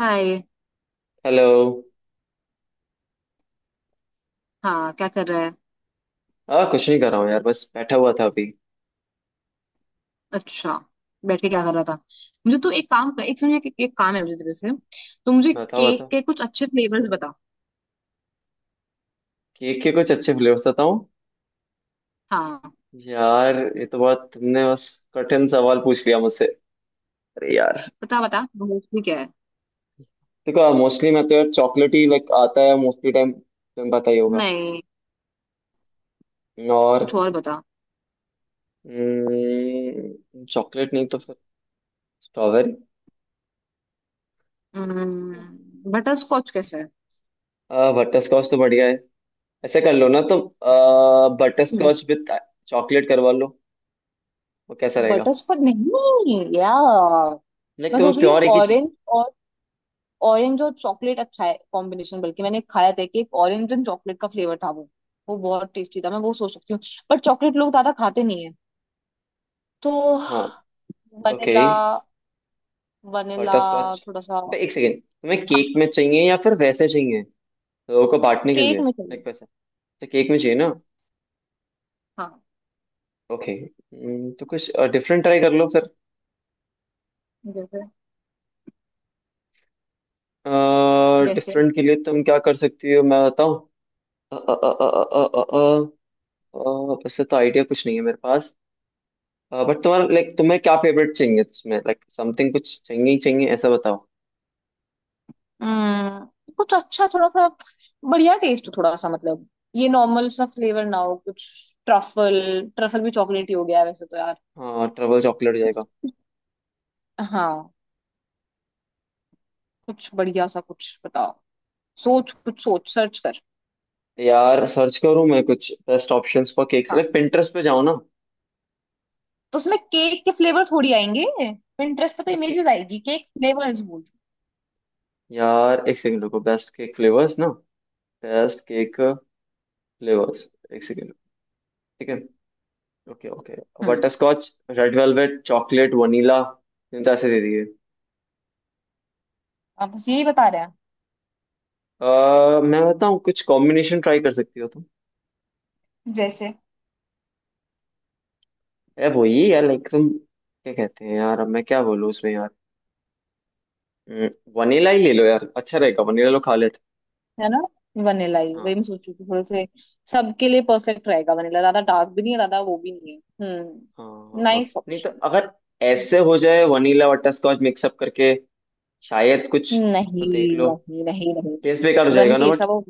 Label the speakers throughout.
Speaker 1: हाय।
Speaker 2: Hello.
Speaker 1: हाँ, क्या कर रहा है?
Speaker 2: हाँ कुछ नहीं कर रहा हूँ यार, बस बैठा हुआ था अभी।
Speaker 1: अच्छा, बैठ के क्या कर रहा था? मुझे तू एक काम कर, एक सुनिए, एक काम है मुझे तेरे से। तो मुझे
Speaker 2: बैठा हुआ
Speaker 1: केक
Speaker 2: था।
Speaker 1: के कुछ अच्छे फ्लेवर्स बता।
Speaker 2: केक के कुछ अच्छे फ्लेवर्स बताऊँ?
Speaker 1: हाँ,
Speaker 2: यार ये तो बात तुमने बस कठिन सवाल पूछ लिया मुझसे। अरे यार।
Speaker 1: बता बता मोस्टली क्या है।
Speaker 2: देखो मोस्टली मैं तो यार चॉकलेट ही लाइक आता है, मोस्टली टाइम तुम्हें पता ही होगा।
Speaker 1: नहीं,
Speaker 2: और
Speaker 1: कुछ और बता।
Speaker 2: चॉकलेट नहीं तो फिर स्ट्रॉबेरी।
Speaker 1: बटर स्कॉच कैसा है?
Speaker 2: बटर स्कॉच तो बढ़िया है। ऐसे कर लो ना तुम, बटर स्कॉच विद चॉकलेट करवा लो। वो कैसा रहेगा?
Speaker 1: बटर स्कॉच नहीं यार।
Speaker 2: नहीं,
Speaker 1: मैं
Speaker 2: तुम्हें
Speaker 1: सोच रही हूँ
Speaker 2: प्योर एक ही चाहिए।
Speaker 1: और ऑरेंज और चॉकलेट अच्छा है कॉम्बिनेशन। बल्कि मैंने खाया था कि एक ऑरेंज एंड चॉकलेट का फ्लेवर था वो। वो बहुत टेस्टी था, मैं वो सोच सकती हूँ। पर चॉकलेट लोग ज्यादा खाते नहीं है, तो
Speaker 2: हाँ। Okay.
Speaker 1: Vanilla. Vanilla
Speaker 2: butterscotch.
Speaker 1: थोड़ा सा।
Speaker 2: एक सेकेंड, तुम्हें
Speaker 1: हाँ,
Speaker 2: केक में चाहिए या फिर वैसे चाहिए? लोगों को बांटने के लिए,
Speaker 1: केक में चाहिए।
Speaker 2: लाइक वैसे। तो केक में चाहिए ना।
Speaker 1: हाँ।
Speaker 2: ओके। तो कुछ डिफरेंट ट्राई कर लो फिर।
Speaker 1: जैसे? जैसे?
Speaker 2: डिफरेंट के लिए तुम क्या कर सकती हो मैं बताऊँ। अ, अ, अ, अ, अ, अ, अ, अ, वैसे तो आइडिया कुछ नहीं है मेरे पास। बट तुम्हारा, लाइक तुम्हें क्या फेवरेट चाहिए उसमें, लाइक समथिंग कुछ चाहिए ही चाहिए ऐसा बताओ।
Speaker 1: हम्म, कुछ अच्छा, थोड़ा सा बढ़िया टेस्ट हो। थोड़ा सा मतलब ये नॉर्मल सा फ्लेवर ना हो कुछ। ट्रफल। ट्रफल भी चॉकलेट ही हो गया है वैसे तो यार।
Speaker 2: हाँ ट्रबल चॉकलेट जाएगा।
Speaker 1: कुछ, हाँ, कुछ बढ़िया सा कुछ बताओ। सोच, कुछ सोच, सर्च कर।
Speaker 2: यार सर्च करूँ मैं कुछ बेस्ट ऑप्शंस फॉर केक्स,
Speaker 1: हाँ,
Speaker 2: लाइक पिंटरेस्ट पे जाओ ना।
Speaker 1: तो उसमें केक के फ्लेवर थोड़ी आएंगे। पिंटरेस्ट पे तो
Speaker 2: तो
Speaker 1: इमेजेस आएगी केक फ्लेवर्स बोल।
Speaker 2: यार एक सेकंड रुको, बेस्ट केक फ्लेवर्स ना। Best cake flavours. एक सेकंड। ठीक है। Okay okay. Butter
Speaker 1: hmm.
Speaker 2: Scotch. Red velvet, chocolate, vanilla. तुम तो ऐसे दे दिए।
Speaker 1: आप बस यही बता रहे हैं।
Speaker 2: अह मैं बताऊँ कुछ कॉम्बिनेशन ट्राई कर सकती हो तुम।
Speaker 1: जैसे?
Speaker 2: यार वही यार, लाइक तुम क्या कहते हैं यार, अब मैं क्या बोलूँ उसमें यार। वनीला ही ले लो यार, अच्छा रहेगा, वनीला लो खा लेते।
Speaker 1: है ना। वनीला ही,
Speaker 2: हाँ
Speaker 1: वही मैं सोचू थी थोड़े से। सबके लिए परफेक्ट रहेगा वनीला। ज्यादा डार्क भी नहीं है, ज्यादा वो भी नहीं है।
Speaker 2: हाँ
Speaker 1: हम्म,
Speaker 2: हाँ हाँ।
Speaker 1: नाइस
Speaker 2: नहीं तो
Speaker 1: ऑप्शन।
Speaker 2: अगर ऐसे हो जाए वनीला बटर स्कॉच मिक्सअप करके, शायद कुछ। तो
Speaker 1: नहीं।
Speaker 2: देख लो।
Speaker 1: नहीं नहीं नहीं।
Speaker 2: टेस्ट बेकार हो
Speaker 1: पता नहीं
Speaker 2: जाएगा ना।
Speaker 1: टेस्ट का वो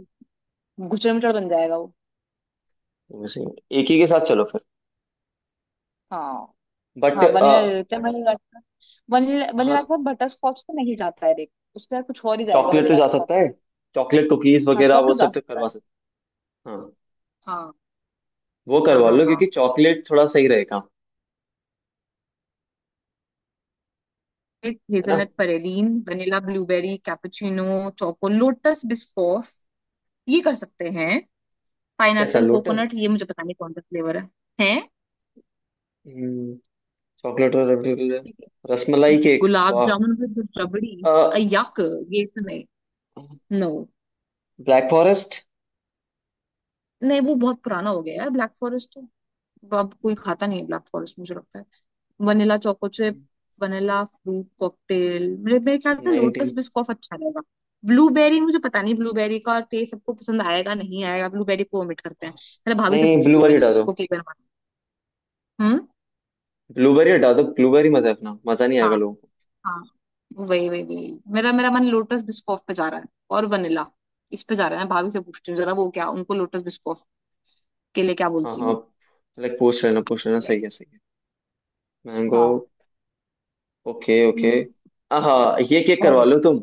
Speaker 1: गुचड़ मुचड़ बन जाएगा वो।
Speaker 2: वैसे एक ही के साथ चलो फिर।
Speaker 1: हाँ।
Speaker 2: बट
Speaker 1: हाँ, वनीला ले लेते हैं, वनीला का। वनीला, वनीला
Speaker 2: हाँ,
Speaker 1: के साथ बटर स्कॉच तो नहीं जाता है देख, उसके साथ कुछ और ही जाएगा
Speaker 2: चॉकलेट तो
Speaker 1: वनीला
Speaker 2: जा
Speaker 1: के साथ
Speaker 2: सकता
Speaker 1: ना।
Speaker 2: है। चॉकलेट कुकीज
Speaker 1: हाँ,
Speaker 2: वगैरह वो
Speaker 1: चॉकलेट जा
Speaker 2: सब तो
Speaker 1: सकता है।
Speaker 2: करवा सकते। हाँ।
Speaker 1: हाँ
Speaker 2: वो
Speaker 1: हाँ
Speaker 2: करवा
Speaker 1: हाँ।
Speaker 2: लो
Speaker 1: हाँ,
Speaker 2: क्योंकि चॉकलेट थोड़ा सही रहेगा। है ना।
Speaker 1: Hazelnut praline, vanilla, blueberry, cappuccino, choco Lotus Biscoff, ये कर सकते हैं।
Speaker 2: कैसा
Speaker 1: पाइनएप्पल
Speaker 2: लोटस?
Speaker 1: कोकोनट, ये मुझे पता नहीं कौन सा फ्लेवर है। है।
Speaker 2: चॉकलेट। और
Speaker 1: ठीक है।
Speaker 2: रसमलाई केक।
Speaker 1: गुलाब
Speaker 2: वाह।
Speaker 1: जामुन विद रबड़ी? यक। ये तो नहीं। नो।
Speaker 2: Black forest.
Speaker 1: नहीं, वो बहुत पुराना हो गया है ब्लैक फॉरेस्ट, तो अब कोई खाता नहीं है ब्लैक फॉरेस्ट मुझे लगता है। Vanilla choco chip, vanilla fruit cocktail, मेरे मेरे ख्याल से लोटस
Speaker 2: नाइनटीन।
Speaker 1: बिस्कॉफ अच्छा रहेगा। ब्लूबेरी मुझे पता नहीं ब्लूबेरी का टेस्ट सबको पसंद आएगा नहीं आएगा, ब्लूबेरी को omit करते हैं। मेरे भाभी
Speaker 2: नहीं
Speaker 1: से
Speaker 2: नहीं,
Speaker 1: पूछती हूँ मैं,
Speaker 2: ब्लूबेरी हटा दो।
Speaker 1: जिसको केक बनाना। हम्म।
Speaker 2: ब्लूबेरी हटा दो, ब्लूबेरी मत रखना, मजा नहीं
Speaker 1: हाँ
Speaker 2: आएगा लोगों को।
Speaker 1: हाँ। वही वही वही, मेरा मेरा मन लोटस बिस्कॉफ पे जा रहा है और वनीला, इस पे जा रहा है। मैं भाभी से पूछती हूँ जरा वो क्या, उनको लोटस बिस्कॉफ के लिए क्या
Speaker 2: हाँ
Speaker 1: बोलती
Speaker 2: हाँ,
Speaker 1: हूँ।
Speaker 2: लाइक पूछ लेना पूछ लेना, सही है सही है। मैंगो।
Speaker 1: हाँ।
Speaker 2: Okay okay.
Speaker 1: हम्म।
Speaker 2: हाँ, ये केक
Speaker 1: और
Speaker 2: करवा लो तुम।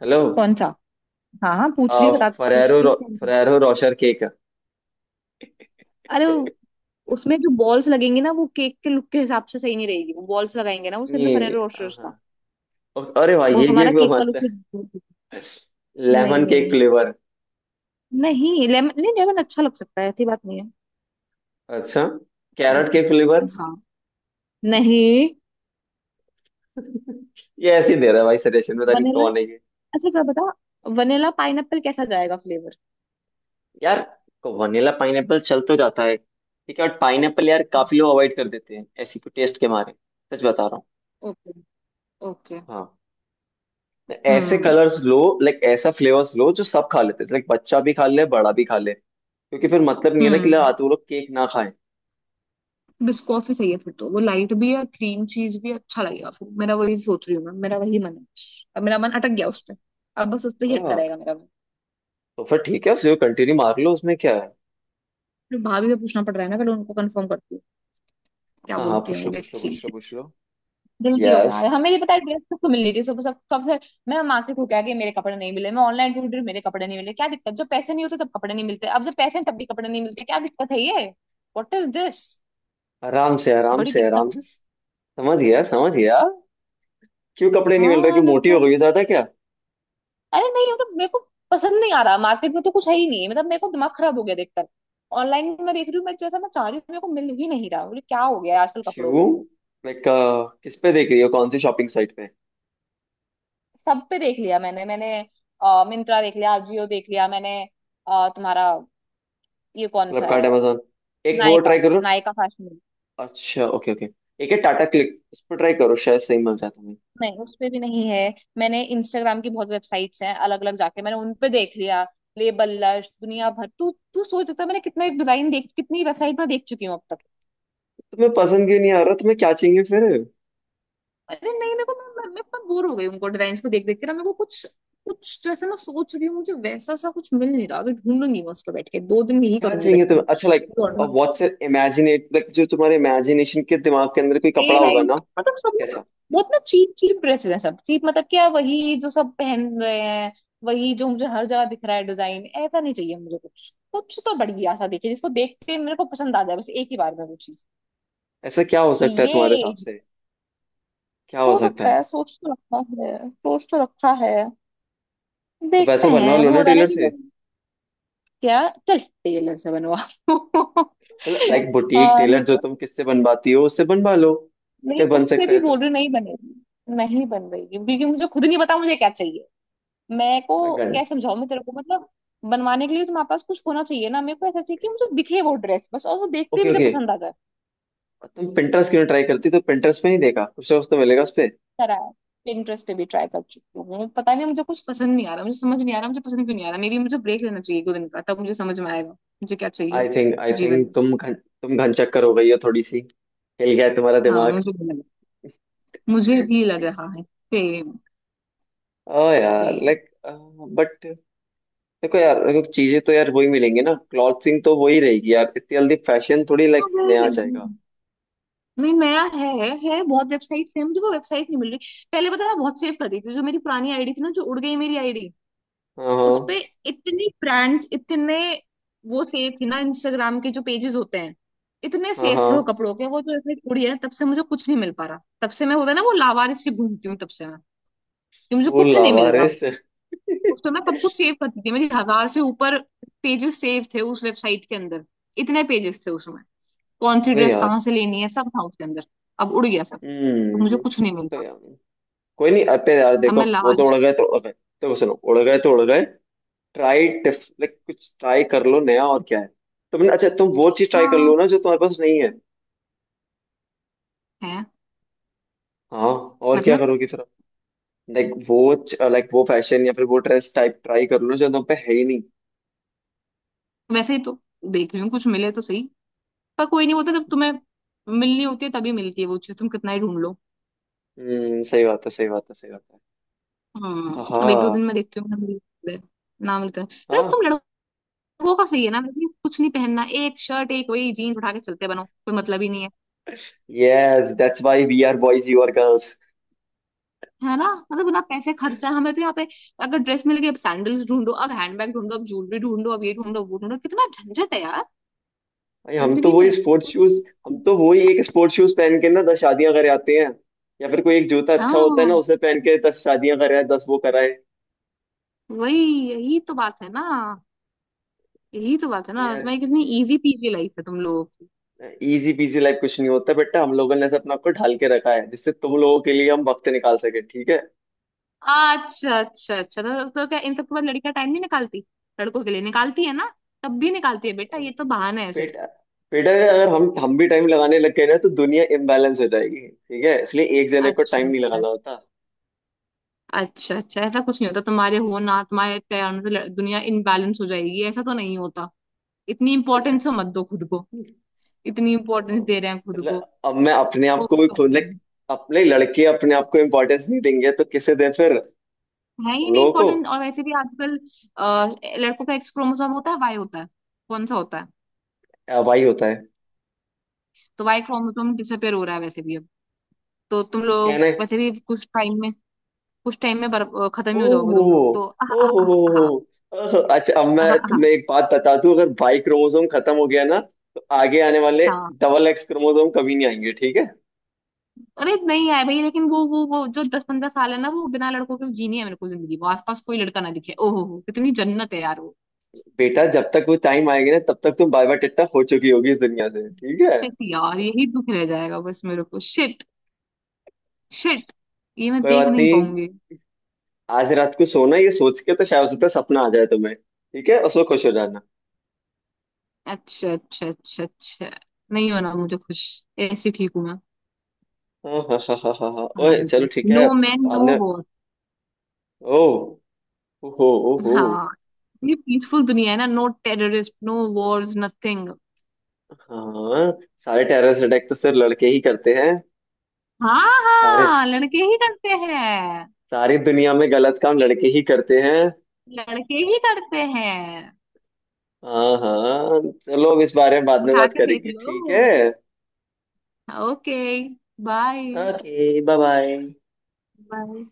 Speaker 2: हेलो।
Speaker 1: कौन सा? हाँ हाँ, पूछ रही
Speaker 2: आ,
Speaker 1: हूँ बता,
Speaker 2: फरेरो
Speaker 1: पूछती हूँ
Speaker 2: रो,
Speaker 1: कौन सी?
Speaker 2: Ferrero Rocher cake.
Speaker 1: अरे वो- उसमें जो बॉल्स लगेंगे ना, वो केक के लुक के हिसाब से सही नहीं रहेगी। वो बॉल्स लगाएंगे ना उसके अंदर
Speaker 2: नहीं नहीं,
Speaker 1: फरेरो रोस्टर्स
Speaker 2: हाँ।
Speaker 1: का।
Speaker 2: अरे भाई
Speaker 1: वो
Speaker 2: ये
Speaker 1: हमारा
Speaker 2: केक तो
Speaker 1: केक का
Speaker 2: मस्त
Speaker 1: लुक
Speaker 2: है।
Speaker 1: ही। नहीं
Speaker 2: लेमन केक
Speaker 1: नहीं।
Speaker 2: फ्लेवर।
Speaker 1: नहीं लेमन, नहीं लेमन अच्छा लग सकता है ऐसी बात नहीं है।
Speaker 2: अच्छा।
Speaker 1: और,
Speaker 2: कैरेट केक फ्लेवर।
Speaker 1: हाँ। नहीं।
Speaker 2: ये ऐसे ही दे रहा है भाई सजेशन, पता नहीं
Speaker 1: वनीला,
Speaker 2: कौन है ये।
Speaker 1: अच्छा क्या बता, वनीला पाइनएप्पल कैसा जाएगा फ्लेवर?
Speaker 2: यार को वनीला पाइनएप्पल चल तो जाता है। ठीक है, और पाइनएप्पल यार
Speaker 1: हाँ।
Speaker 2: काफी लोग अवॉइड कर देते हैं, ऐसी को टेस्ट के मारे। सच बता रहा हूँ।
Speaker 1: Okay okay.
Speaker 2: हाँ। तो ऐसे
Speaker 1: हम्म।
Speaker 2: कलर्स लो। लाइक ऐसा फ्लेवर्स लो जो सब खा लेते हैं, लाइक बच्चा भी खा ले बड़ा भी खा ले। क्योंकि फिर मतलब नहीं है ना कि
Speaker 1: हम्म,
Speaker 2: ला तो लोग केक ना खाएं।
Speaker 1: बिस्कॉफी सही है फिर, तो वो लाइट भी है, क्रीम चीज भी है, अच्छा लगेगा फिर। मेरा वही, सोच रही हूँ मैं, मेरा वही मन है। अब मेरा मन अटक गया
Speaker 2: ओह।
Speaker 1: उस पे। अब बस उस पे ही अटका
Speaker 2: हाँ
Speaker 1: रहेगा मेरा मन।
Speaker 2: तो फिर ठीक है, उसे कंटिन्यू मार लो, उसमें क्या है।
Speaker 1: फिर भाभी से पूछना पड़ रहा है ना, पहले उनको कंफर्म करती हूँ क्या
Speaker 2: हाँ हाँ,
Speaker 1: बोलती है
Speaker 2: पूछ
Speaker 1: वो।
Speaker 2: लो पूछ लो
Speaker 1: लेट्स,
Speaker 2: पूछ लो पूछ लो।
Speaker 1: दिल की हो
Speaker 2: यस।
Speaker 1: यार। हमें ये पता है ड्रेस सबको मिलनी चाहिए सुबह, सब कब से। मैं मार्केट होके आ गई, मेरे कपड़े नहीं मिले। मैं ऑनलाइन ढूंढ रही हूँ, मेरे कपड़े नहीं मिले। क्या दिक्कत, जब पैसे नहीं होते तब कपड़े नहीं मिलते, अब जब पैसे हैं तब भी कपड़े नहीं मिलते। क्या दिक्कत है ये, व्हाट इज दिस,
Speaker 2: आराम से आराम
Speaker 1: बड़ी
Speaker 2: से आराम
Speaker 1: दिक्कत।
Speaker 2: से। समझ गया समझ गया। क्यों कपड़े नहीं मिल रहे?
Speaker 1: हाँ
Speaker 2: क्यों,
Speaker 1: नहीं
Speaker 2: मोटी
Speaker 1: तो।
Speaker 2: हो गई हो ज्यादा क्या?
Speaker 1: अरे नहीं, मतलब मेरे को पसंद नहीं आ रहा। मार्केट में तो कुछ है ही नहीं, मतलब मेरे को दिमाग खराब हो गया देखकर। ऑनलाइन में देख रही हूँ मैं, जैसा मैं चाह रही हूँ मेरे को मिल ही नहीं रहा। बोले क्या हो गया है आजकल कपड़ों
Speaker 2: क्यों,
Speaker 1: को।
Speaker 2: लाइक किस पे देख रही हो, कौन सी शॉपिंग साइट पे?
Speaker 1: सब पे देख लिया मैंने मैंने। मिंत्रा देख लिया, अजियो देख लिया मैंने। तुम्हारा ये कौन सा
Speaker 2: फ्लिपकार्ट,
Speaker 1: है,
Speaker 2: Amazon, एक वो
Speaker 1: नायका,
Speaker 2: ट्राई करो।
Speaker 1: Nykaa fashion week?
Speaker 2: अच्छा ओके ओके। एक है टाटा क्लिक, उस पर ट्राई करो शायद सही मिल जाए तुम्हें।
Speaker 1: नहीं, उस पे भी नहीं है। मैंने इंस्टाग्राम की बहुत वेबसाइट्स हैं अलग अलग जाके मैंने उन पे देख लिया। लेबल लश दुनिया भर, तू तू सोच सकता है मैंने कितना डिजाइन देख, कितनी वेबसाइट में देख चुकी हूँ अब तक।
Speaker 2: तुम्हें पसंद क्यों नहीं आ रहा? तुम्हें क्या चाहिए फिर?
Speaker 1: अरे नहीं, मेरे को, मैं बोर हो गई उनको डिजाइन को देख देख के ना। मेरे को कुछ, कुछ जैसे मैं सोच रही हूँ मुझे वैसा सा कुछ मिल नहीं रहा। अभी ढूंढूंगी मैं उसको, बैठ के दो दिन यही
Speaker 2: क्या
Speaker 1: करूंगी बैठ
Speaker 2: चाहिए
Speaker 1: के मैं।
Speaker 2: तुम्हें, अच्छा लाइक व्हाट्स इमेजिनेट, लाइक जो तुम्हारे इमेजिनेशन के दिमाग के अंदर कोई
Speaker 1: ए
Speaker 2: कपड़ा
Speaker 1: लाइन,
Speaker 2: होगा ना।
Speaker 1: मतलब सब ना
Speaker 2: कैसा?
Speaker 1: बहुत ना चीप चीप ड्रेसेस हैं सब, चीप मतलब क्या, वही जो सब पहन रहे हैं, वही जो मुझे हर जगह दिख रहा है डिजाइन। ऐसा नहीं चाहिए मुझे, कुछ कुछ तो बढ़िया सा दिखे जिसको देख के मेरे को पसंद आ जाए बस एक ही बार में वो चीज।
Speaker 2: ऐसा क्या हो
Speaker 1: कि
Speaker 2: सकता है
Speaker 1: ये
Speaker 2: तुम्हारे हिसाब से? क्या हो
Speaker 1: हो
Speaker 2: सकता
Speaker 1: सकता
Speaker 2: है?
Speaker 1: है, सोच तो रखा है, सोच तो रखा है।
Speaker 2: तो
Speaker 1: देखते
Speaker 2: वैसा बनवा
Speaker 1: हैं,
Speaker 2: लो
Speaker 1: वो
Speaker 2: ना
Speaker 1: होता है ना
Speaker 2: टेलर
Speaker 1: कि
Speaker 2: से।
Speaker 1: जब। क्या? चल टेलर से बनवा लो।
Speaker 2: मतलब लाइक बुटीक
Speaker 1: हाँ नहीं
Speaker 2: टेलर, जो
Speaker 1: तो।
Speaker 2: तुम किससे बनवाती हो उससे बनवा लो।
Speaker 1: नहीं,
Speaker 2: अगर बन
Speaker 1: उससे
Speaker 2: सकता
Speaker 1: भी
Speaker 2: है
Speaker 1: बोल
Speaker 2: तो।
Speaker 1: रही हूँ, नहीं बनेगी। नहीं बन रही क्योंकि मुझे खुद नहीं पता मुझे क्या चाहिए। मैं को
Speaker 2: हाँ,
Speaker 1: क्या
Speaker 2: गन।
Speaker 1: समझाऊं मैं तेरे को, मतलब बनवाने के लिए तुम्हारे पास कुछ होना चाहिए ना। मेरे को ऐसा चाहिए कि मुझे दिखे वो ड्रेस बस, और वो देखते ही
Speaker 2: ओके
Speaker 1: मुझे
Speaker 2: ओके।
Speaker 1: पसंद आ जाए।
Speaker 2: तुम पिंटरेस्ट क्यों ट्राई करती? तो पिंटरेस्ट पे नहीं देखा? कुछ ना कुछ तो मिलेगा उस पे।
Speaker 1: करा है, Pinterest पे भी ट्राई कर चुकी हूँ। पता नहीं मुझे कुछ पसंद नहीं आ रहा। मुझे समझ नहीं आ रहा मुझे पसंद क्यों नहीं आ रहा। मेरी, मुझे ब्रेक लेना चाहिए दो दिन का, तब मुझे समझ में आएगा मुझे क्या चाहिए
Speaker 2: आई थिंक आई
Speaker 1: जीवन
Speaker 2: थिंक
Speaker 1: में।
Speaker 2: तुम घन चक्कर हो गई हो थोड़ी सी। हिल गया है तुम्हारा
Speaker 1: हाँ,
Speaker 2: दिमाग।
Speaker 1: मुझे भी लग रहा है। सेम।
Speaker 2: ओ यार,
Speaker 1: सेम।
Speaker 2: लाइक बट देखो यार, देखो चीजें तो यार वही मिलेंगी ना, क्लॉथिंग तो वही रहेगी यार, इतनी जल्दी फैशन थोड़ी लाइक नया आ जाएगा।
Speaker 1: नहीं, नया है बहुत वेबसाइट्स है, मुझे वो वेबसाइट नहीं मिल रही। पहले पता है मैं बहुत सेव कर देती थी जो मेरी पुरानी आईडी थी ना जो उड़ गई मेरी आईडी।
Speaker 2: हाँ
Speaker 1: उसपे
Speaker 2: हाँ
Speaker 1: इतनी ब्रांड्स, इतने वो सेफ थी ना इंस्टाग्राम के जो पेजेस होते हैं, इतने
Speaker 2: हाँ
Speaker 1: सेफ
Speaker 2: हाँ।
Speaker 1: थे वो कपड़ों के। वो जो इसने छोड़ी है ना, तब से मुझे कुछ नहीं मिल पा रहा। तब से मैं, होता है ना वो लावारिस सी घूमती हूँ तब से मैं, कि मुझे
Speaker 2: वो
Speaker 1: कुछ नहीं मिल रहा।
Speaker 2: लावारिस।
Speaker 1: उस तो मैं सब कुछ सेव करती थी, मेरी हजार से ऊपर पेजेस सेव थे उस वेबसाइट के अंदर। इतने पेजेस थे उसमें, कौन सी
Speaker 2: अबे
Speaker 1: ड्रेस
Speaker 2: यार।
Speaker 1: कहाँ से लेनी है सब था उसके अंदर। अब उड़ गया सब, तो मुझे
Speaker 2: हम्म।
Speaker 1: कुछ नहीं मिल
Speaker 2: तो
Speaker 1: रहा।
Speaker 2: यार कोई नहीं, अबे यार
Speaker 1: अब
Speaker 2: देखो,
Speaker 1: मैं
Speaker 2: वो तो
Speaker 1: लावारिस
Speaker 2: उड़
Speaker 1: हूँ।
Speaker 2: गए तो उड़ गए, देखो सुनो, उड़ गए तो उड़ गए। ट्राई टिफ, लाइक कुछ ट्राई कर लो नया और क्या है। तुमने, अच्छा तुम वो चीज ट्राई कर
Speaker 1: हाँ।
Speaker 2: लो ना जो तुम्हारे पास नहीं है।
Speaker 1: है।
Speaker 2: हाँ। और क्या
Speaker 1: मतलब
Speaker 2: करोगी फिर? लाइक वो लाइक वो फैशन या फिर वो ड्रेस टाइप ट्राई कर लो जो तुम पे है ही नहीं।
Speaker 1: वैसे ही तो देख रही हूँ, कुछ मिले तो सही। पर कोई नहीं, बोलता जब तुम्हें मिलनी होती है तभी मिलती है वो चीज, तुम कितना ही ढूंढ लो।
Speaker 2: सही बात है सही बात है सही बात है।
Speaker 1: हम्म, अब एक दो
Speaker 2: हाँ
Speaker 1: दिन में देखती हूँ, ना मिलते हैं, ना मिलते हैं। यार तुम
Speaker 2: हाँ।
Speaker 1: लड़कों का सही है ना, मतलब कुछ नहीं पहनना, एक शर्ट एक वही जीन्स उठा के चलते बनो, कोई मतलब ही नहीं है।
Speaker 2: Yes, that's why we are boys, you are girls.
Speaker 1: है ना। मतलब बिना पैसे खर्चा, हमें तो यहाँ पे अगर ड्रेस मिल गई अब सैंडल्स ढूंढो अब हैंडबैग ढूंढो अब ज्वेलरी ढूंढो अब ये ढूंढो वो ढूंढो, कितना झंझट है यार
Speaker 2: भाई हम तो
Speaker 1: जिंदगी
Speaker 2: वही
Speaker 1: में।
Speaker 2: Sports shoes. हम तो वही एक स्पोर्ट्स शूज पहन के ना दस शादियां करे आते हैं। या फिर कोई एक जूता अच्छा होता है ना,
Speaker 1: हाँ,
Speaker 2: उसे पहन के दस शादियां कराए दस वो कराए।
Speaker 1: वही, यही तो बात है ना, यही तो बात है ना।
Speaker 2: यार,
Speaker 1: तुम्हारी कितनी इजी पीजी लाइफ है तुम लोगों।
Speaker 2: इजी पीजी लाइफ कुछ नहीं होता बेटा, हम लोगों ने ऐसे अपने आप को ढाल के रखा है जिससे तुम लोगों के लिए हम वक्त निकाल सके, ठीक है।
Speaker 1: अच्छा अच्छा अच्छा, तो क्या इन सब के बाद लड़कियां टाइम नहीं निकालती? लड़कों के लिए निकालती है ना, तब भी निकालती है। बेटा ये तो बहाना है सिर्फ।
Speaker 2: बेटा बेटा, अगर हम भी टाइम लगाने लग गए ना, तो दुनिया इम्बैलेंस हो जाएगी, ठीक है, इसलिए एक जने को
Speaker 1: अच्छा
Speaker 2: टाइम नहीं
Speaker 1: अच्छा
Speaker 2: लगाना होता।
Speaker 1: अच्छा अच्छा, ऐसा कुछ नहीं होता तुम्हारे। हो ना, तुम्हारे तैयार होने से लड़- दुनिया इनबैलेंस हो जाएगी ऐसा तो नहीं होता। इतनी इंपॉर्टेंस मत दो खुद को, इतनी इंपॉर्टेंस दे रहे हैं खुद को।
Speaker 2: मतलब अब मैं अपने
Speaker 1: ओ,
Speaker 2: आप को भी खुद like,
Speaker 1: कम।
Speaker 2: अपने लड़के अपने आप को इम्पोर्टेंस नहीं देंगे तो किसे दे फिर हम
Speaker 1: है ही नहीं
Speaker 2: लोगों को।
Speaker 1: इम्पोर्टेंट, और वैसे भी आजकल लड़कों का एक्स क्रोमोसोम होता है, वाई होता है, कौन सा होता है।
Speaker 2: भाई होता है।
Speaker 1: तो वाई क्रोमोसोम डिसअपेयर हो रहा है वैसे भी अब, तो तुम लोग
Speaker 2: कहना है।
Speaker 1: वैसे भी कुछ टाइम में, कुछ टाइम में बर- खत्म ही हो जाओगे
Speaker 2: ओहो
Speaker 1: तुम लोग तो। आहा,
Speaker 2: ओहो
Speaker 1: आहा, आहा,
Speaker 2: ओहो। अच्छा, अब मैं
Speaker 1: आहा, आहा।
Speaker 2: तुम्हें एक बात बता दूं, अगर भाई क्रोमोसोम खत्म हो गया ना, तो आगे आने वाले
Speaker 1: हाँ,
Speaker 2: डबल एक्स क्रोमोसोम कभी नहीं आएंगे, ठीक है।
Speaker 1: अरे नहीं आए भाई, लेकिन वो जो 10-15 साल है ना, वो बिना लड़कों के जीनी है मेरे को जिंदगी। वो आसपास कोई लड़का ना दिखे, ओहो हो कितनी जन्नत है यार वो।
Speaker 2: बेटा, जब तक वो टाइम आएगी ना, तब तक तुम बाय बाय टिट्टा हो चुकी होगी इस दुनिया से, ठीक है।
Speaker 1: शिट यार, यही दुख रह जाएगा बस मेरे को, शिट, शिट, ये मैं
Speaker 2: कोई
Speaker 1: देख
Speaker 2: बात
Speaker 1: नहीं
Speaker 2: नहीं।
Speaker 1: पाऊंगी।
Speaker 2: आज रात को सोना ये सोच के, तो शायद हो सकता है सपना आ जाए तुम्हें, ठीक है, उसको खुश हो जाना।
Speaker 1: अच्छा अच्छा अच्छा अच्छा, नहीं होना मुझे खुश, ऐसे ठीक हूं मैं।
Speaker 2: हाँ हाँ हाँ हाँ हाँ हाँ,
Speaker 1: हाँ
Speaker 2: ओए
Speaker 1: नहीं
Speaker 2: चलो
Speaker 1: तो,
Speaker 2: ठीक है।
Speaker 1: नो मैन
Speaker 2: बाद
Speaker 1: नो
Speaker 2: में।
Speaker 1: वॉर।
Speaker 2: ओह। ओहो ओहो।
Speaker 1: हाँ, ये पीसफुल दुनिया है ना, no terrorist, no wars, nothing.
Speaker 2: हाँ। सारे टेररिस्ट अटैक तो सिर्फ लड़के ही करते हैं।
Speaker 1: हाँ,
Speaker 2: अरे,
Speaker 1: हाँ लड़के ही करते हैं,
Speaker 2: सारी दुनिया में गलत काम लड़के ही करते हैं।
Speaker 1: लड़के ही करते हैं।
Speaker 2: हाँ हाँ, चलो अब इस बारे में बाद में
Speaker 1: उठा
Speaker 2: बात
Speaker 1: के देख
Speaker 2: करेंगे, ठीक
Speaker 1: लो।
Speaker 2: है।
Speaker 1: Okay, bye
Speaker 2: okay bye bye.
Speaker 1: Bye.